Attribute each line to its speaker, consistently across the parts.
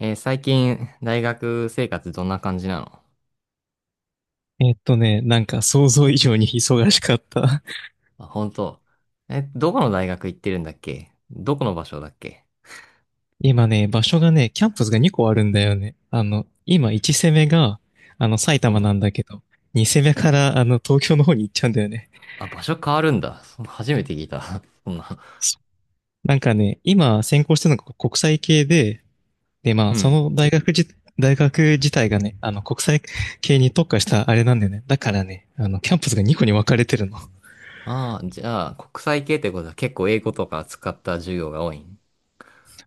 Speaker 1: 最近、大学生活どんな感じなの？
Speaker 2: なんか想像以上に忙しかった。
Speaker 1: あ、本当。え、どこの大学行ってるんだっけ？どこの場所だっけ？
Speaker 2: 今、場所が、キャンパスが2個あるんだよね。今1攻めが、埼
Speaker 1: う
Speaker 2: 玉な
Speaker 1: ん。
Speaker 2: んだけど、2攻めから、東京の方に行っちゃうんだよね。
Speaker 1: あ、場所変わるんだ。そ初めて聞いた。そんな。
Speaker 2: 今専攻してるのが国際系で、で、ま
Speaker 1: う
Speaker 2: あ、
Speaker 1: ん。
Speaker 2: 大学自体がね、国際系に特化したあれなんだよね。だからね、キャンパスが2個に分かれてるの。
Speaker 1: ああ、じゃあ、国際系ってことは結構英語とか使った授業が多いん？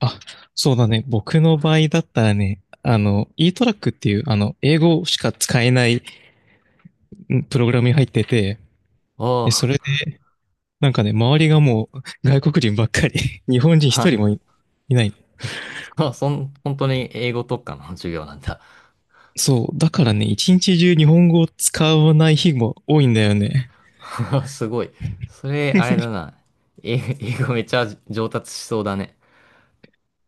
Speaker 2: あ、そうだね。僕の場合だったらね、e トラックっていう、英語しか使えないうんプログラムに入ってて、
Speaker 1: おお
Speaker 2: で、そ
Speaker 1: ー。
Speaker 2: れで、なんかね、周りがもう外国人ばっかり、日 本人一
Speaker 1: は、
Speaker 2: 人もいいない。
Speaker 1: そ、そん、本当に英語特化の 授業なんだ。
Speaker 2: そう。だからね、一日中日本語を使わない日も多いんだよね。
Speaker 1: すごい。それ、あれだな。英英語めっちゃ上達しそうだね。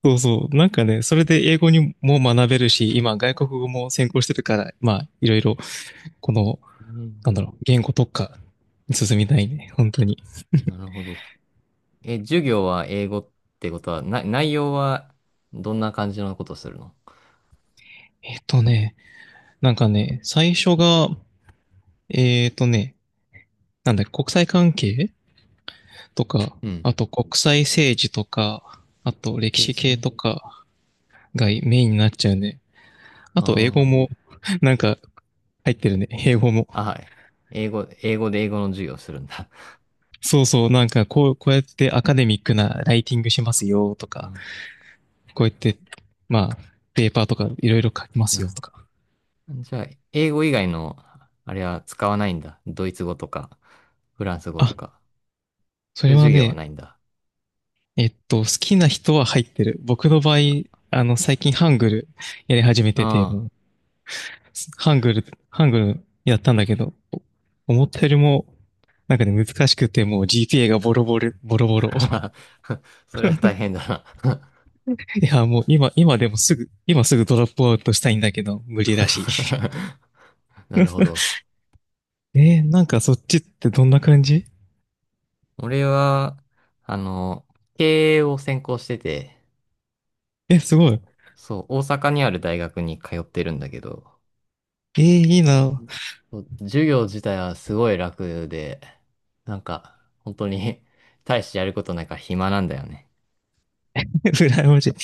Speaker 2: そうそう。なんかね、それで英語にも学べるし、今外国語も専攻してるから、まあ、いろいろ、この、
Speaker 1: うん。
Speaker 2: なんだろう、言語特化に進みたいね。本当に。
Speaker 1: なるほど。え、授業は英語ってことは、な、内容はどんな感じのことするの？
Speaker 2: えっとね、なんかね、最初が、えっとね、なんだっけ、国際関係とか、
Speaker 1: うん。
Speaker 2: あと国際政治とか、あと歴
Speaker 1: 政
Speaker 2: 史
Speaker 1: 治
Speaker 2: 系
Speaker 1: ね。
Speaker 2: とかがメインになっちゃうね。あと英語
Speaker 1: あ
Speaker 2: も、なんか入ってるね。英語も。
Speaker 1: あ、あ、はい。英語、英語で英語の授業をするんだ。
Speaker 2: そうそう、なんかこう、こうやってアカデミックなライティングしますよと か、
Speaker 1: あ、
Speaker 2: こうやって、まあ、ペーパーとかいろいろ書きます
Speaker 1: なる
Speaker 2: よとか。
Speaker 1: ほど。じゃあ、英語以外の、あれは使わないんだ。ドイツ語とか、フランス語
Speaker 2: あ、
Speaker 1: とか。
Speaker 2: そ
Speaker 1: そうい
Speaker 2: れ
Speaker 1: う
Speaker 2: は
Speaker 1: 授業は
Speaker 2: ね、
Speaker 1: ないんだ。
Speaker 2: 好きな人は入ってる。僕の場合、最近ハングルやり始めてて、
Speaker 1: あ
Speaker 2: もう、ハングルやったんだけど、思ったよりもなんかね、難しくてもう GPA がボロボロ。
Speaker 1: あ。それは大 変だな。
Speaker 2: いや、もう今、今でもすぐ、今すぐドロップアウトしたいんだけど、無理だし。
Speaker 1: なるほど。
Speaker 2: えー、なんかそっちってどんな感じ？
Speaker 1: 俺は、あの、経営を専攻してて、
Speaker 2: え、すごい。
Speaker 1: そう、大阪にある大学に通ってるんだけど、
Speaker 2: えー、いい
Speaker 1: う
Speaker 2: な。
Speaker 1: ん。そう、授業自体はすごい楽で、本当に 大してやることないから暇なんだよね。
Speaker 2: 羨ましい。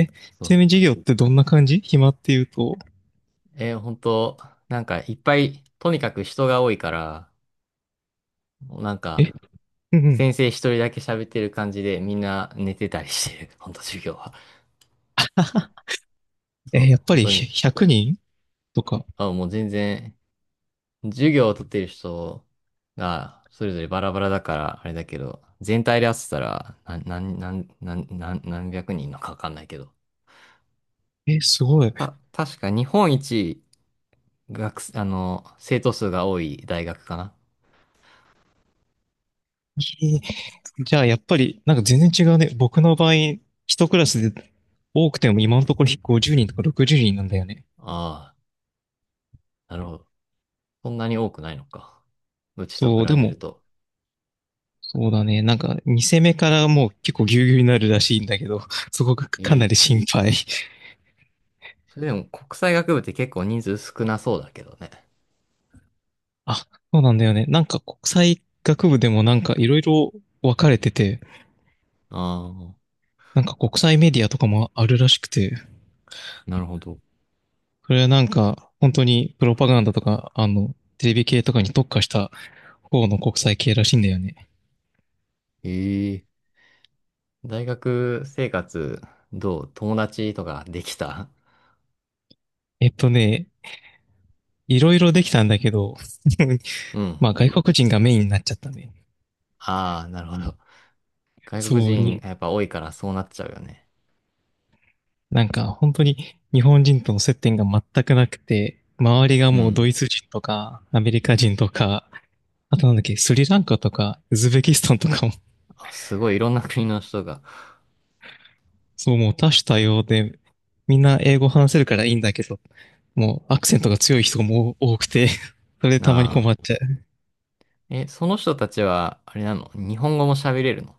Speaker 2: え、
Speaker 1: そ
Speaker 2: ちな
Speaker 1: う。
Speaker 2: みに授業ってどんな感じ、暇っていうと。
Speaker 1: 本当、なんかいっぱい、とにかく人が多いから、なん
Speaker 2: え、
Speaker 1: か、
Speaker 2: うんうん。
Speaker 1: 先生一人だけ喋ってる感じでみんな寝てたりしてる、本当授業は。
Speaker 2: え
Speaker 1: そ
Speaker 2: ー
Speaker 1: う、
Speaker 2: やっぱ
Speaker 1: 本
Speaker 2: り
Speaker 1: 当に。
Speaker 2: 100人とか。
Speaker 1: あ、もう全然授業を取っている人が、それぞれバラバラだから、あれだけど、全体で合っせたら、な、なん、なん、なん、なん何百人のかわかんないけど。
Speaker 2: え、すごい。え
Speaker 1: た、確か日本一学生、生徒数が多い大学かな。
Speaker 2: ー、じゃあやっぱり、なんか全然違うね。僕の場合、一クラスで多くても今のところ50人とか60人なんだよね。
Speaker 1: ああ、なるほど。そんなに多くないのか。うちと
Speaker 2: そ
Speaker 1: 比
Speaker 2: う、で
Speaker 1: べる
Speaker 2: も、
Speaker 1: と。
Speaker 2: そうだね。なんか、2戦目からもう結構ギュうギュうになるらしいんだけど、そこがか
Speaker 1: え
Speaker 2: なり
Speaker 1: え。
Speaker 2: 心配。
Speaker 1: それでも国際学部って結構人数少なそうだけどね。
Speaker 2: あ、そうなんだよね。なんか国際学部でもなんかいろいろ分かれてて、
Speaker 1: ああ、
Speaker 2: なんか国際メディアとかもあるらしくて、
Speaker 1: なるほど。
Speaker 2: それはなんか本当にプロパガンダとか、テレビ系とかに特化した方の国際系らしいんだよね。
Speaker 1: ええ。大学生活、どう？友達とかできた？
Speaker 2: えっとね、いろいろできたんだけど、
Speaker 1: うん。
Speaker 2: まあ外国人がメインになっちゃったね。
Speaker 1: ああ、なるほど。外国
Speaker 2: そう、
Speaker 1: 人
Speaker 2: に、
Speaker 1: やっぱ多いからそうなっちゃうよね。
Speaker 2: なんか本当に日本人との接点が全くなくて、周りが
Speaker 1: う
Speaker 2: もうド
Speaker 1: ん。
Speaker 2: イツ人とかアメリカ人とか、あとなんだっけ、スリランカとかウズベキスタンとかも、
Speaker 1: あ、すごいいろんな国の人が。
Speaker 2: そう、もう多種多様で、みんな英語話せるからいいんだけど、もうアクセントが強い人も多くて、それでたまに
Speaker 1: な
Speaker 2: 困
Speaker 1: あ。
Speaker 2: っちゃう。
Speaker 1: え、その人たちは、あれなの？日本語も喋れるの？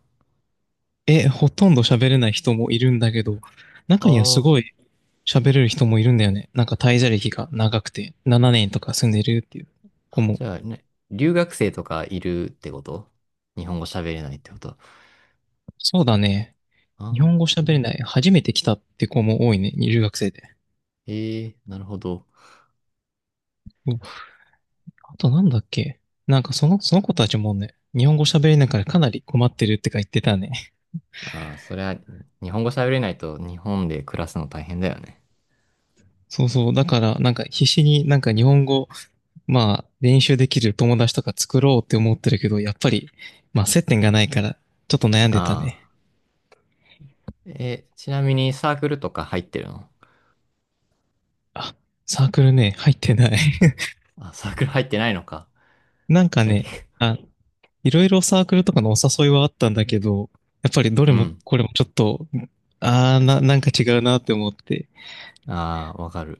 Speaker 2: え、ほとんど喋れない人もいるんだけど、中にはす
Speaker 1: あ
Speaker 2: ご
Speaker 1: あ
Speaker 2: い喋れる人もいるんだよね。なんか滞在歴が長くて、7年とか住んでるっていう子
Speaker 1: ー。
Speaker 2: も。
Speaker 1: じゃあね、留学生とかいるってこと？日本語喋れないってこと？あ
Speaker 2: そうだね。
Speaker 1: あ
Speaker 2: 日
Speaker 1: ー。
Speaker 2: 本語喋れない、初めて来たって子も多いね、留学生で。
Speaker 1: ええ、なるほど。
Speaker 2: あとなんだっけ、なんかその、その子たちもね、日本語喋れないからかなり困ってるってか言ってたね。
Speaker 1: ああ、そりゃ、日本語喋れないと日本で暮らすの大変だよね。
Speaker 2: そうそう。だから、なんか必死になんか日本語、まあ練習できる友達とか作ろうって思ってるけど、やっぱり、まあ接点がないから、ちょっと悩ん
Speaker 1: あ
Speaker 2: でたね。
Speaker 1: あ。え、ちなみにサークルとか入ってるの？
Speaker 2: あ、サークルね、入ってない。
Speaker 1: あ、サークル入ってないのか。
Speaker 2: なんか
Speaker 1: じゃあ、
Speaker 2: ね、
Speaker 1: け
Speaker 2: あ、いろいろサークルとかのお誘いはあったんだけど、やっぱりど れ
Speaker 1: う
Speaker 2: も
Speaker 1: ん。
Speaker 2: これもちょっと、ああ、なんか違うなって思って、
Speaker 1: ああ、わかる。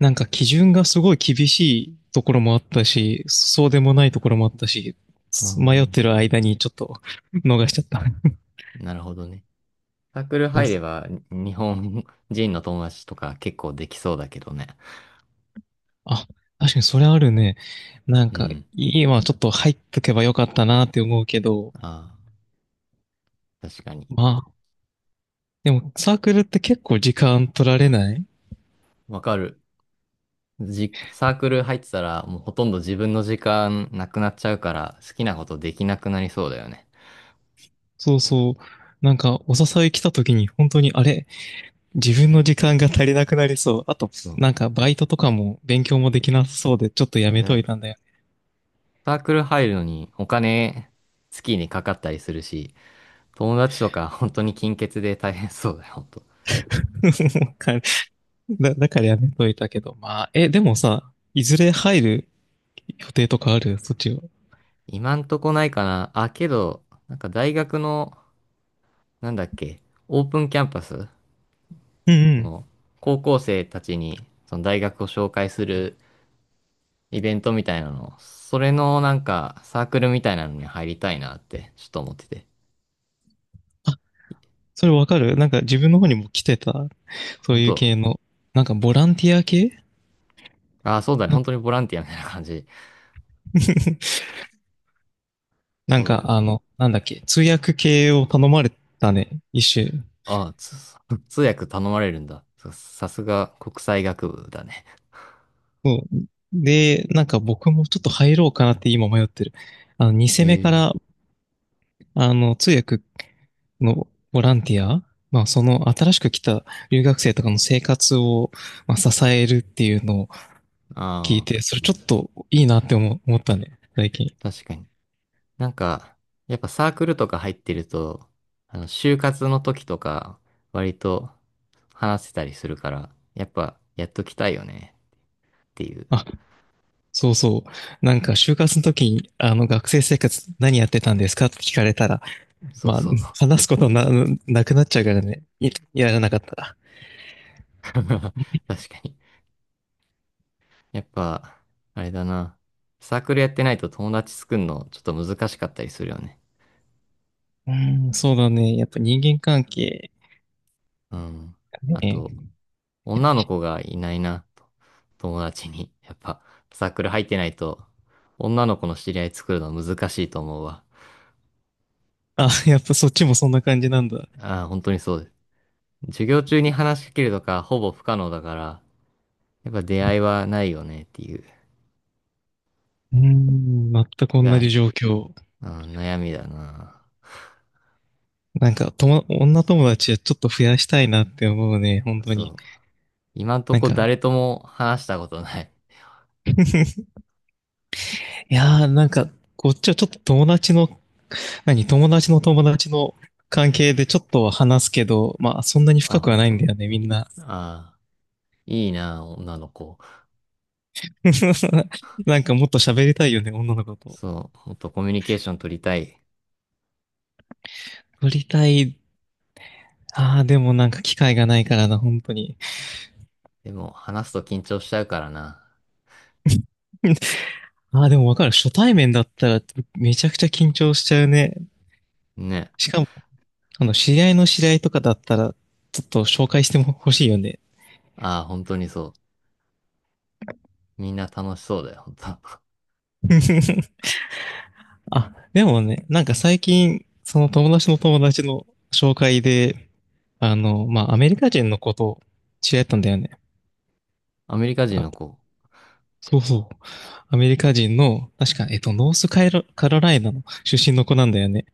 Speaker 2: なんか基準がすごい厳しいところもあったし、そうでもないところもあったし、
Speaker 1: う
Speaker 2: 迷って
Speaker 1: ん。
Speaker 2: る間にちょっと逃しちゃった。
Speaker 1: なるほどね。サークル
Speaker 2: そう
Speaker 1: 入れ
Speaker 2: そう。
Speaker 1: ば、に日本人の友達とか結構できそうだけどね。
Speaker 2: あ、確かにそれあるね。なん
Speaker 1: う
Speaker 2: か、
Speaker 1: ん。
Speaker 2: 今ちょっと入っとけばよかったなって思うけど、
Speaker 1: ああ、確かに。
Speaker 2: まあ、でもサークルって結構時間取られない？
Speaker 1: わかる。じ、サークル入ってたら、もうほとんど自分の時間なくなっちゃうから、好きなことできなくなりそうだよね。
Speaker 2: そうそう。なんか、お誘い来た時に本当に、あれ、自分の時間が足りなくなりそう。あと、なん
Speaker 1: そ
Speaker 2: かバイトとかも勉強もできなさそうで、ちょっとや
Speaker 1: う。
Speaker 2: め
Speaker 1: だ
Speaker 2: と
Speaker 1: よ
Speaker 2: い
Speaker 1: ね。
Speaker 2: たんだよ。
Speaker 1: サークル入るのにお金、月にかかったりするし、友達とか本当に金欠で大変そうだよ、本当。
Speaker 2: かだからやめといたけど。まあ、え、でもさ、いずれ入る予定とかある？そっちは。
Speaker 1: 今んとこないかな。あ、けど、大学のなんだっけ、オープンキャンパス、
Speaker 2: うんう
Speaker 1: こ
Speaker 2: ん。
Speaker 1: の、高校生たちに、その大学を紹介するイベントみたいなの、それのサークルみたいなのに入りたいなって、ちょっと思ってて。
Speaker 2: あ、それわかる、なんか自分の方にも来てた、そう
Speaker 1: 本
Speaker 2: いう
Speaker 1: 当？
Speaker 2: 系の。なんかボランティア系
Speaker 1: ああ、そうだね。
Speaker 2: な。
Speaker 1: 本当にボランティアみたいな感じ。
Speaker 2: なんか
Speaker 1: そ
Speaker 2: あ
Speaker 1: う。
Speaker 2: の、なんだっけ、通訳系を頼まれたね、一種。
Speaker 1: ああ、つ 通訳頼まれるんだ。ささすが国際学部だね。
Speaker 2: そうで、なんか僕もちょっと入ろうかなって今迷ってる。2戦目か
Speaker 1: え
Speaker 2: ら
Speaker 1: え。
Speaker 2: あの、通訳のボランティア、まあ、その新しく来た留学生とかの生活を、まあ、支えるっていうのを聞い
Speaker 1: あ
Speaker 2: て、
Speaker 1: あ、
Speaker 2: それちょっといいなって思ったね、最近。
Speaker 1: 確かに。なんか、やっぱサークルとか入ってると、就活の時とか、割と話せたりするから、やっぱ、やっときたいよね、っていう。
Speaker 2: あ、そうそう。なんか、就活の時に、学生生活何やってたんですかって聞かれたら、
Speaker 1: そう
Speaker 2: まあ、
Speaker 1: そう。
Speaker 2: 話すことな、なくなっちゃうからね、いやらなかったら。
Speaker 1: 確かに。やっぱ、あれだな。サークルやってないと友達作るの、ちょっと難しかったりするよね。
Speaker 2: うん、そうだね。やっぱ人間関係
Speaker 1: うん。あと、
Speaker 2: ね。
Speaker 1: 女の子がいないな、と友達に。やっぱ、サークル入ってないと、女の子の知り合い作るの難しいと思うわ。
Speaker 2: あ、やっぱそっちもそんな感じなんだ。
Speaker 1: ああ、本当にそうです。授業中に話しかけるとかほぼ不可能だから、やっぱ出会いはないよねっていう、
Speaker 2: うん、全く同
Speaker 1: が、
Speaker 2: じ状況。
Speaker 1: うん、悩みだな。
Speaker 2: なんか、女友達はちょっと増やしたいなって思うね、本当
Speaker 1: そ
Speaker 2: に。
Speaker 1: う。今んと
Speaker 2: なん
Speaker 1: こ
Speaker 2: か、
Speaker 1: 誰とも話したことない。
Speaker 2: いやー、なんか、こっちはちょっと、友達の友達の関係でちょっとは話すけど、まあ、そんなに深
Speaker 1: あ、
Speaker 2: くは
Speaker 1: 本
Speaker 2: ない
Speaker 1: 当。
Speaker 2: んだよね、みんな。
Speaker 1: ああ、いいな、女の子。
Speaker 2: なんかもっと喋りたいよね、女の子と。
Speaker 1: そう、もっとコミュニケーション取りたい。
Speaker 2: 喋りたい。ああ、でもなんか機会がないからな、本当に。
Speaker 1: でも、話すと緊張しちゃうからな。
Speaker 2: ああ、でもわかる。初対面だったらめちゃくちゃ緊張しちゃうね。
Speaker 1: ね。
Speaker 2: しかも、知り合いの知り合いとかだったら、ちょっと紹介しても欲しいよね。
Speaker 1: ああ、本当にそう。みんな楽しそうだよ、本当。
Speaker 2: あ、でもね、なんか最近、その友達の友達の紹介で、あの、まあ、アメリカ人の子と知り合ったんだよね。
Speaker 1: アメリカ人の
Speaker 2: あ、
Speaker 1: 子。
Speaker 2: そうそう。アメリカ人の、確か、ノースカロライナの出身の子なんだよね。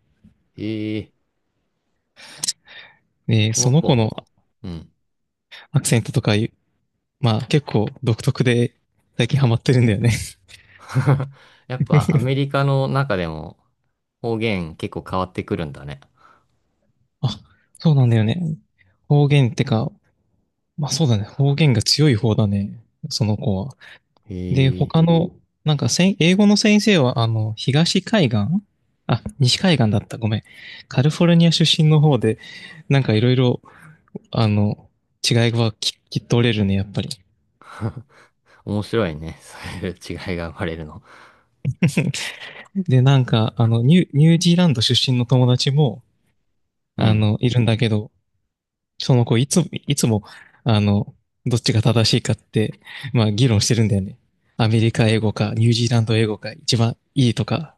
Speaker 1: ええ。
Speaker 2: ね、
Speaker 1: こ
Speaker 2: そ
Speaker 1: の
Speaker 2: の子の
Speaker 1: 子。うん。
Speaker 2: アクセントとかいう、まあ、結構独特で、最近ハマってるんだよね。
Speaker 1: やっぱアメリカの中でも方言結構変わってくるんだね。
Speaker 2: あ、そうなんだよね。方言ってか、まあそうだね。方言が強い方だね、その子は。で、
Speaker 1: へ
Speaker 2: 他
Speaker 1: え、
Speaker 2: の、なんかせん、英語の先生は、東海岸あ、西海岸だった、ごめん。カリフォルニア出身の方で、なんかいろいろ、あの、違いはっと取れるね、やっぱり。
Speaker 1: 面白いね。そういう違いが生まれるの。
Speaker 2: で、なんか、あの、ニュージーランド出身の友達も、
Speaker 1: うん。
Speaker 2: いるんだけど、その子、いつも、あの、どっちが正しいかって、まあ、議論してるんだよね。アメリカ英語か、ニュージーランド英語か、一番いいとか。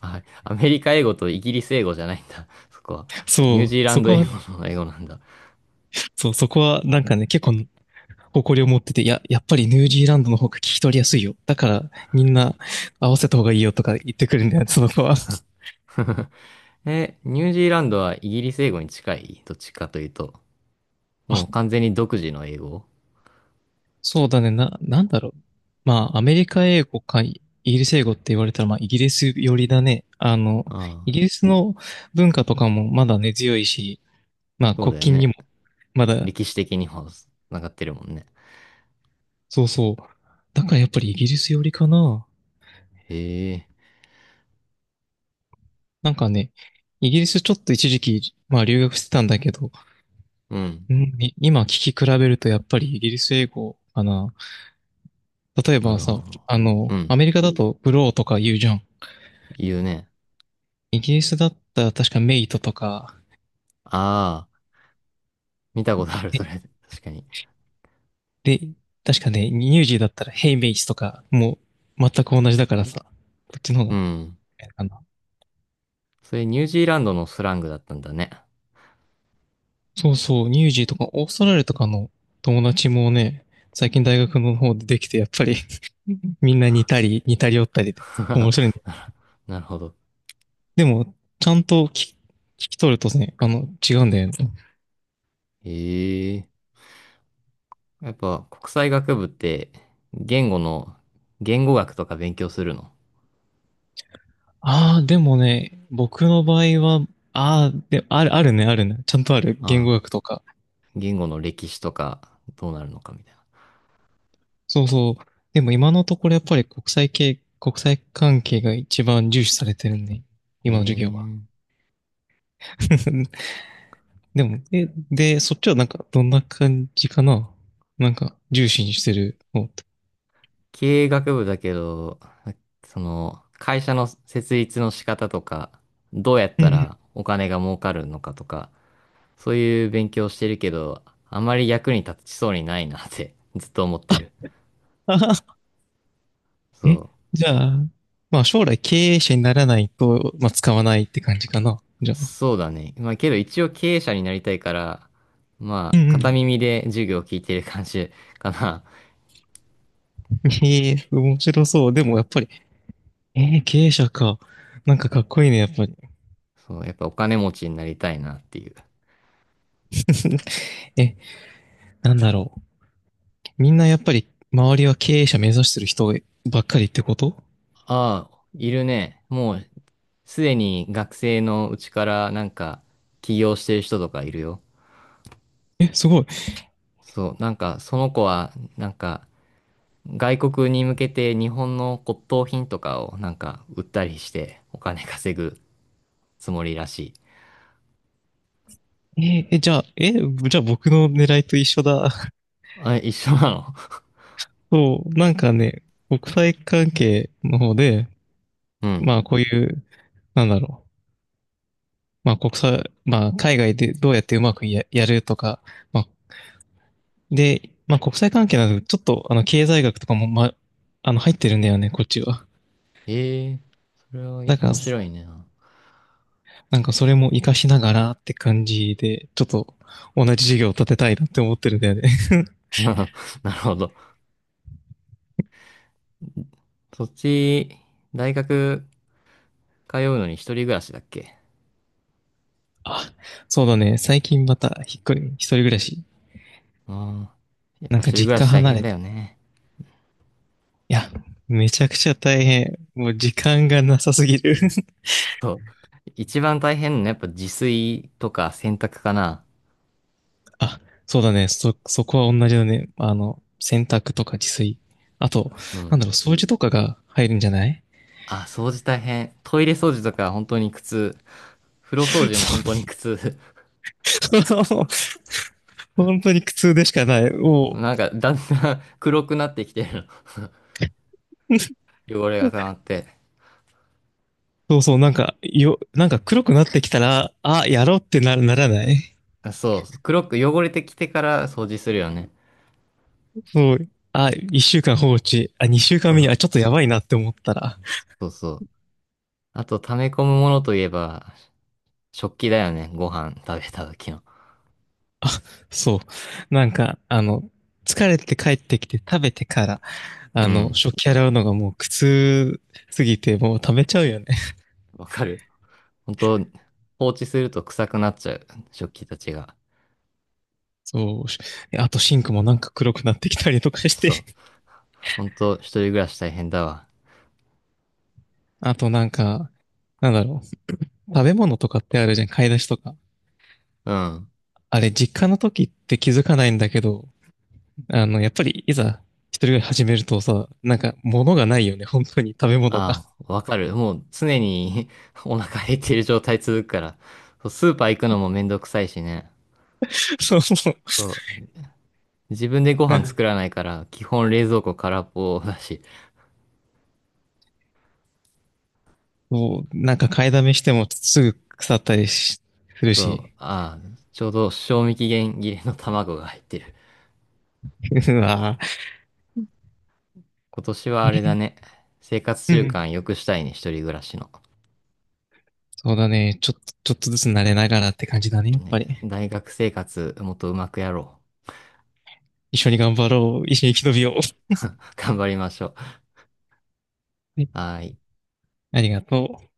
Speaker 1: あ、アメリカ英語とイギリス英語じゃないんだ。そこは。ニュ
Speaker 2: そ
Speaker 1: ージ
Speaker 2: う、
Speaker 1: ーラン
Speaker 2: そ
Speaker 1: ド
Speaker 2: こ
Speaker 1: 英語
Speaker 2: は、
Speaker 1: の英語なんだ。
Speaker 2: そう、そこは、なんかね、結構、誇りを持ってて、いや、やっぱりニュージーランドの方が聞き取りやすいよ。だから、みんな合わせた方がいいよとか言ってくるんだよ、その子は。
Speaker 1: え、ニュージーランドはイギリス英語に近いどっちかというと。
Speaker 2: あ、
Speaker 1: もう完全に独自の英語。
Speaker 2: そうだね、なんだろう。まあ、アメリカ英語かイギリス英語って言われたら、まあ、イギリス寄りだね。
Speaker 1: ああ、
Speaker 2: イギリスの文化とかもまだ根強いし、まあ、
Speaker 1: そう
Speaker 2: 国
Speaker 1: だよ
Speaker 2: 境に
Speaker 1: ね。
Speaker 2: もまだ、
Speaker 1: 歴史的にも繋がってるもんね。
Speaker 2: そうそう。だからやっぱりイギリス寄りかな。
Speaker 1: へえ、
Speaker 2: なんかね、イギリスちょっと一時期、まあ留学してたんだけど、
Speaker 1: うん。
Speaker 2: うんい今聞き比べるとやっぱりイギリス英語かな。例え
Speaker 1: な
Speaker 2: ば
Speaker 1: るほ
Speaker 2: さ、
Speaker 1: ど。うん。
Speaker 2: アメリカだとブローとか言うじゃん。
Speaker 1: 言うね。
Speaker 2: イギリスだったら確かメイトとか、
Speaker 1: ああ。見たことある、そ
Speaker 2: え
Speaker 1: れ。確かに。
Speaker 2: で、確かね、ニュージーだったらヘイメイツとか、もう全く同じだからさ、こっちの方が
Speaker 1: う
Speaker 2: い
Speaker 1: ん。
Speaker 2: いかな。
Speaker 1: それニュージーランドのスラングだったんだね。
Speaker 2: そうそう、ニュージーとかオーストラリアとかの友達もね、最近大学の方でできて、やっぱり みんな似たり寄ったりで
Speaker 1: な
Speaker 2: 面
Speaker 1: る
Speaker 2: 白いね。
Speaker 1: なるほど。
Speaker 2: でも、ちゃんと聞き取るとね、違うんだよね。
Speaker 1: ええ。やっぱ国際学部って言語の、言語学とか勉強するの？
Speaker 2: ああ、でもね、僕の場合は、ああ、で、あるね、あるね。ちゃんとある。言語
Speaker 1: ああ、
Speaker 2: 学とか。
Speaker 1: 言語の歴史とかどうなるのかみたいな。
Speaker 2: そうそう。でも今のところやっぱり国際関係が一番重視されてるね。
Speaker 1: え
Speaker 2: 今の授業は。
Speaker 1: え。
Speaker 2: でも、で、そっちはなんか、どんな感じかななんか、重視にしてるのって。
Speaker 1: 経営学部だけど、その、会社の設立の仕方とか、どうやっ
Speaker 2: う
Speaker 1: た
Speaker 2: ん
Speaker 1: らお金が儲かるのかとか、そういう勉強してるけど、あまり役に立ちそうにないなって ずっと思ってる。
Speaker 2: あはは
Speaker 1: そ
Speaker 2: え、
Speaker 1: う。
Speaker 2: じゃあ、まあ将来経営者にならないと、まあ使わないって感じかな。じゃあ。
Speaker 1: そうだね。まあけど一応経営者になりたいから、ま
Speaker 2: うん
Speaker 1: あ
Speaker 2: う
Speaker 1: 片
Speaker 2: ん。
Speaker 1: 耳で授業を聞いてる感じ かな。
Speaker 2: ええ、面白そう。でもやっぱりえー、経営者か。なんかかっこいいね、やっぱり。
Speaker 1: そう、やっぱお金持ちになりたいなっていう。
Speaker 2: え、なんだろう。みんなやっぱり周りは経営者目指してる人ばっかりってこと
Speaker 1: ああ、いるね。もうすでに学生のうちから起業してる人とかいるよ。
Speaker 2: え、すごい。
Speaker 1: そう、その子は外国に向けて日本の骨董品とかを売ったりしてお金稼ぐつもりらしい。
Speaker 2: えーえ、じゃあ、え、じゃあ僕の狙いと一緒だ。
Speaker 1: あ、一緒なの？
Speaker 2: そう、なんかね、国際関係の方で、
Speaker 1: うん。
Speaker 2: まあこういう、なんだろう。まあ国際、まあ海外でどうやってうまくやるとか、まあ、で、まあ国際関係なので、ちょっとあの経済学とかも、まあ、あの入ってるんだよね、こっちは。
Speaker 1: ええ、それは
Speaker 2: だから、
Speaker 1: 面白いね。
Speaker 2: なんかそれも活かしながらって感じで、ちょっと同じ授業を立てたいなって思ってるんだよね。
Speaker 1: なるほど。そっち、大学通うのに一人暮らしだっけ？
Speaker 2: あ、そうだね。最近また引っ越り、一人暮らし。
Speaker 1: あん。やっ
Speaker 2: なん
Speaker 1: ぱ一
Speaker 2: か
Speaker 1: 人暮
Speaker 2: 実
Speaker 1: ら
Speaker 2: 家
Speaker 1: し大
Speaker 2: 離
Speaker 1: 変
Speaker 2: れ
Speaker 1: だ
Speaker 2: て。
Speaker 1: よ
Speaker 2: い
Speaker 1: ね。
Speaker 2: や、めちゃくちゃ大変。もう時間がなさすぎる。
Speaker 1: そう。一番大変なのやっぱ自炊とか洗濯かな。
Speaker 2: あ、そうだね。そこは同じだね。あの、洗濯とか自炊。あと、
Speaker 1: う
Speaker 2: な
Speaker 1: ん。
Speaker 2: んだろう、掃除とかが入るんじゃない
Speaker 1: あ、掃除大変。トイレ掃除とか本当に苦痛。風呂掃除も本
Speaker 2: そ
Speaker 1: 当に苦痛。
Speaker 2: う 本当に苦痛でしかない。も
Speaker 1: だんだん 黒くなってきてる
Speaker 2: う、
Speaker 1: の。汚れが溜まって。
Speaker 2: そうそう、なんか、なんか黒くなってきたら、あ、やろうってならない
Speaker 1: あそう。黒く汚れてきてから掃除するよね。
Speaker 2: そう。あ、一週間放置。あ、二週
Speaker 1: そ
Speaker 2: 間目に、
Speaker 1: う、
Speaker 2: あ、ちょっとやばいなって思ったら、
Speaker 1: そうそう。あと溜め込むものといえば、食器だよね。ご飯食べた時の。
Speaker 2: そう。なんか、疲れて帰ってきて食べてから、
Speaker 1: うん。
Speaker 2: 食器洗うのがもう苦痛すぎて、もう食べちゃうよね。
Speaker 1: わかる。本当放置すると臭くなっちゃう。食器たちが。
Speaker 2: そうし。あとシンクもなんか黒くなってきたりとかし
Speaker 1: そ
Speaker 2: て、
Speaker 1: う。ほんと、一人暮らし大変だわ。
Speaker 2: あとなんか、なんだろう。食べ物とかってあるじゃん、買い出しとか。
Speaker 1: うん。
Speaker 2: あれ、実家の時って気づかないんだけど、やっぱりいざ一人暮らし始めるとさ、なんか物がないよね、本当に食べ物が。
Speaker 1: ああ、わかる。もう常に お腹減っている状態続くから。そうスーパー行くのもめんどくさいしね。
Speaker 2: そうそう。そ
Speaker 1: そう。自分でご
Speaker 2: う
Speaker 1: 飯作らないから、基本冷蔵庫空っぽだし。
Speaker 2: なんか買いだめしてもすぐ腐ったりしする
Speaker 1: そう。
Speaker 2: し。
Speaker 1: ああ、ちょうど賞味期限切れの卵が入ってる。
Speaker 2: うわ
Speaker 1: 今年はあれだ
Speaker 2: ぁ
Speaker 1: ね。生活習慣良くしたいね、一人暮らしの。
Speaker 2: そうだね。ちょっとずつ慣れながらって感じだね、やっ
Speaker 1: ね、
Speaker 2: ぱり。
Speaker 1: 大学生活もっとうまくやろ
Speaker 2: 一緒に頑張ろう。一緒に生き延びよう。
Speaker 1: う。頑張りましょう。はーい。
Speaker 2: ありがとう。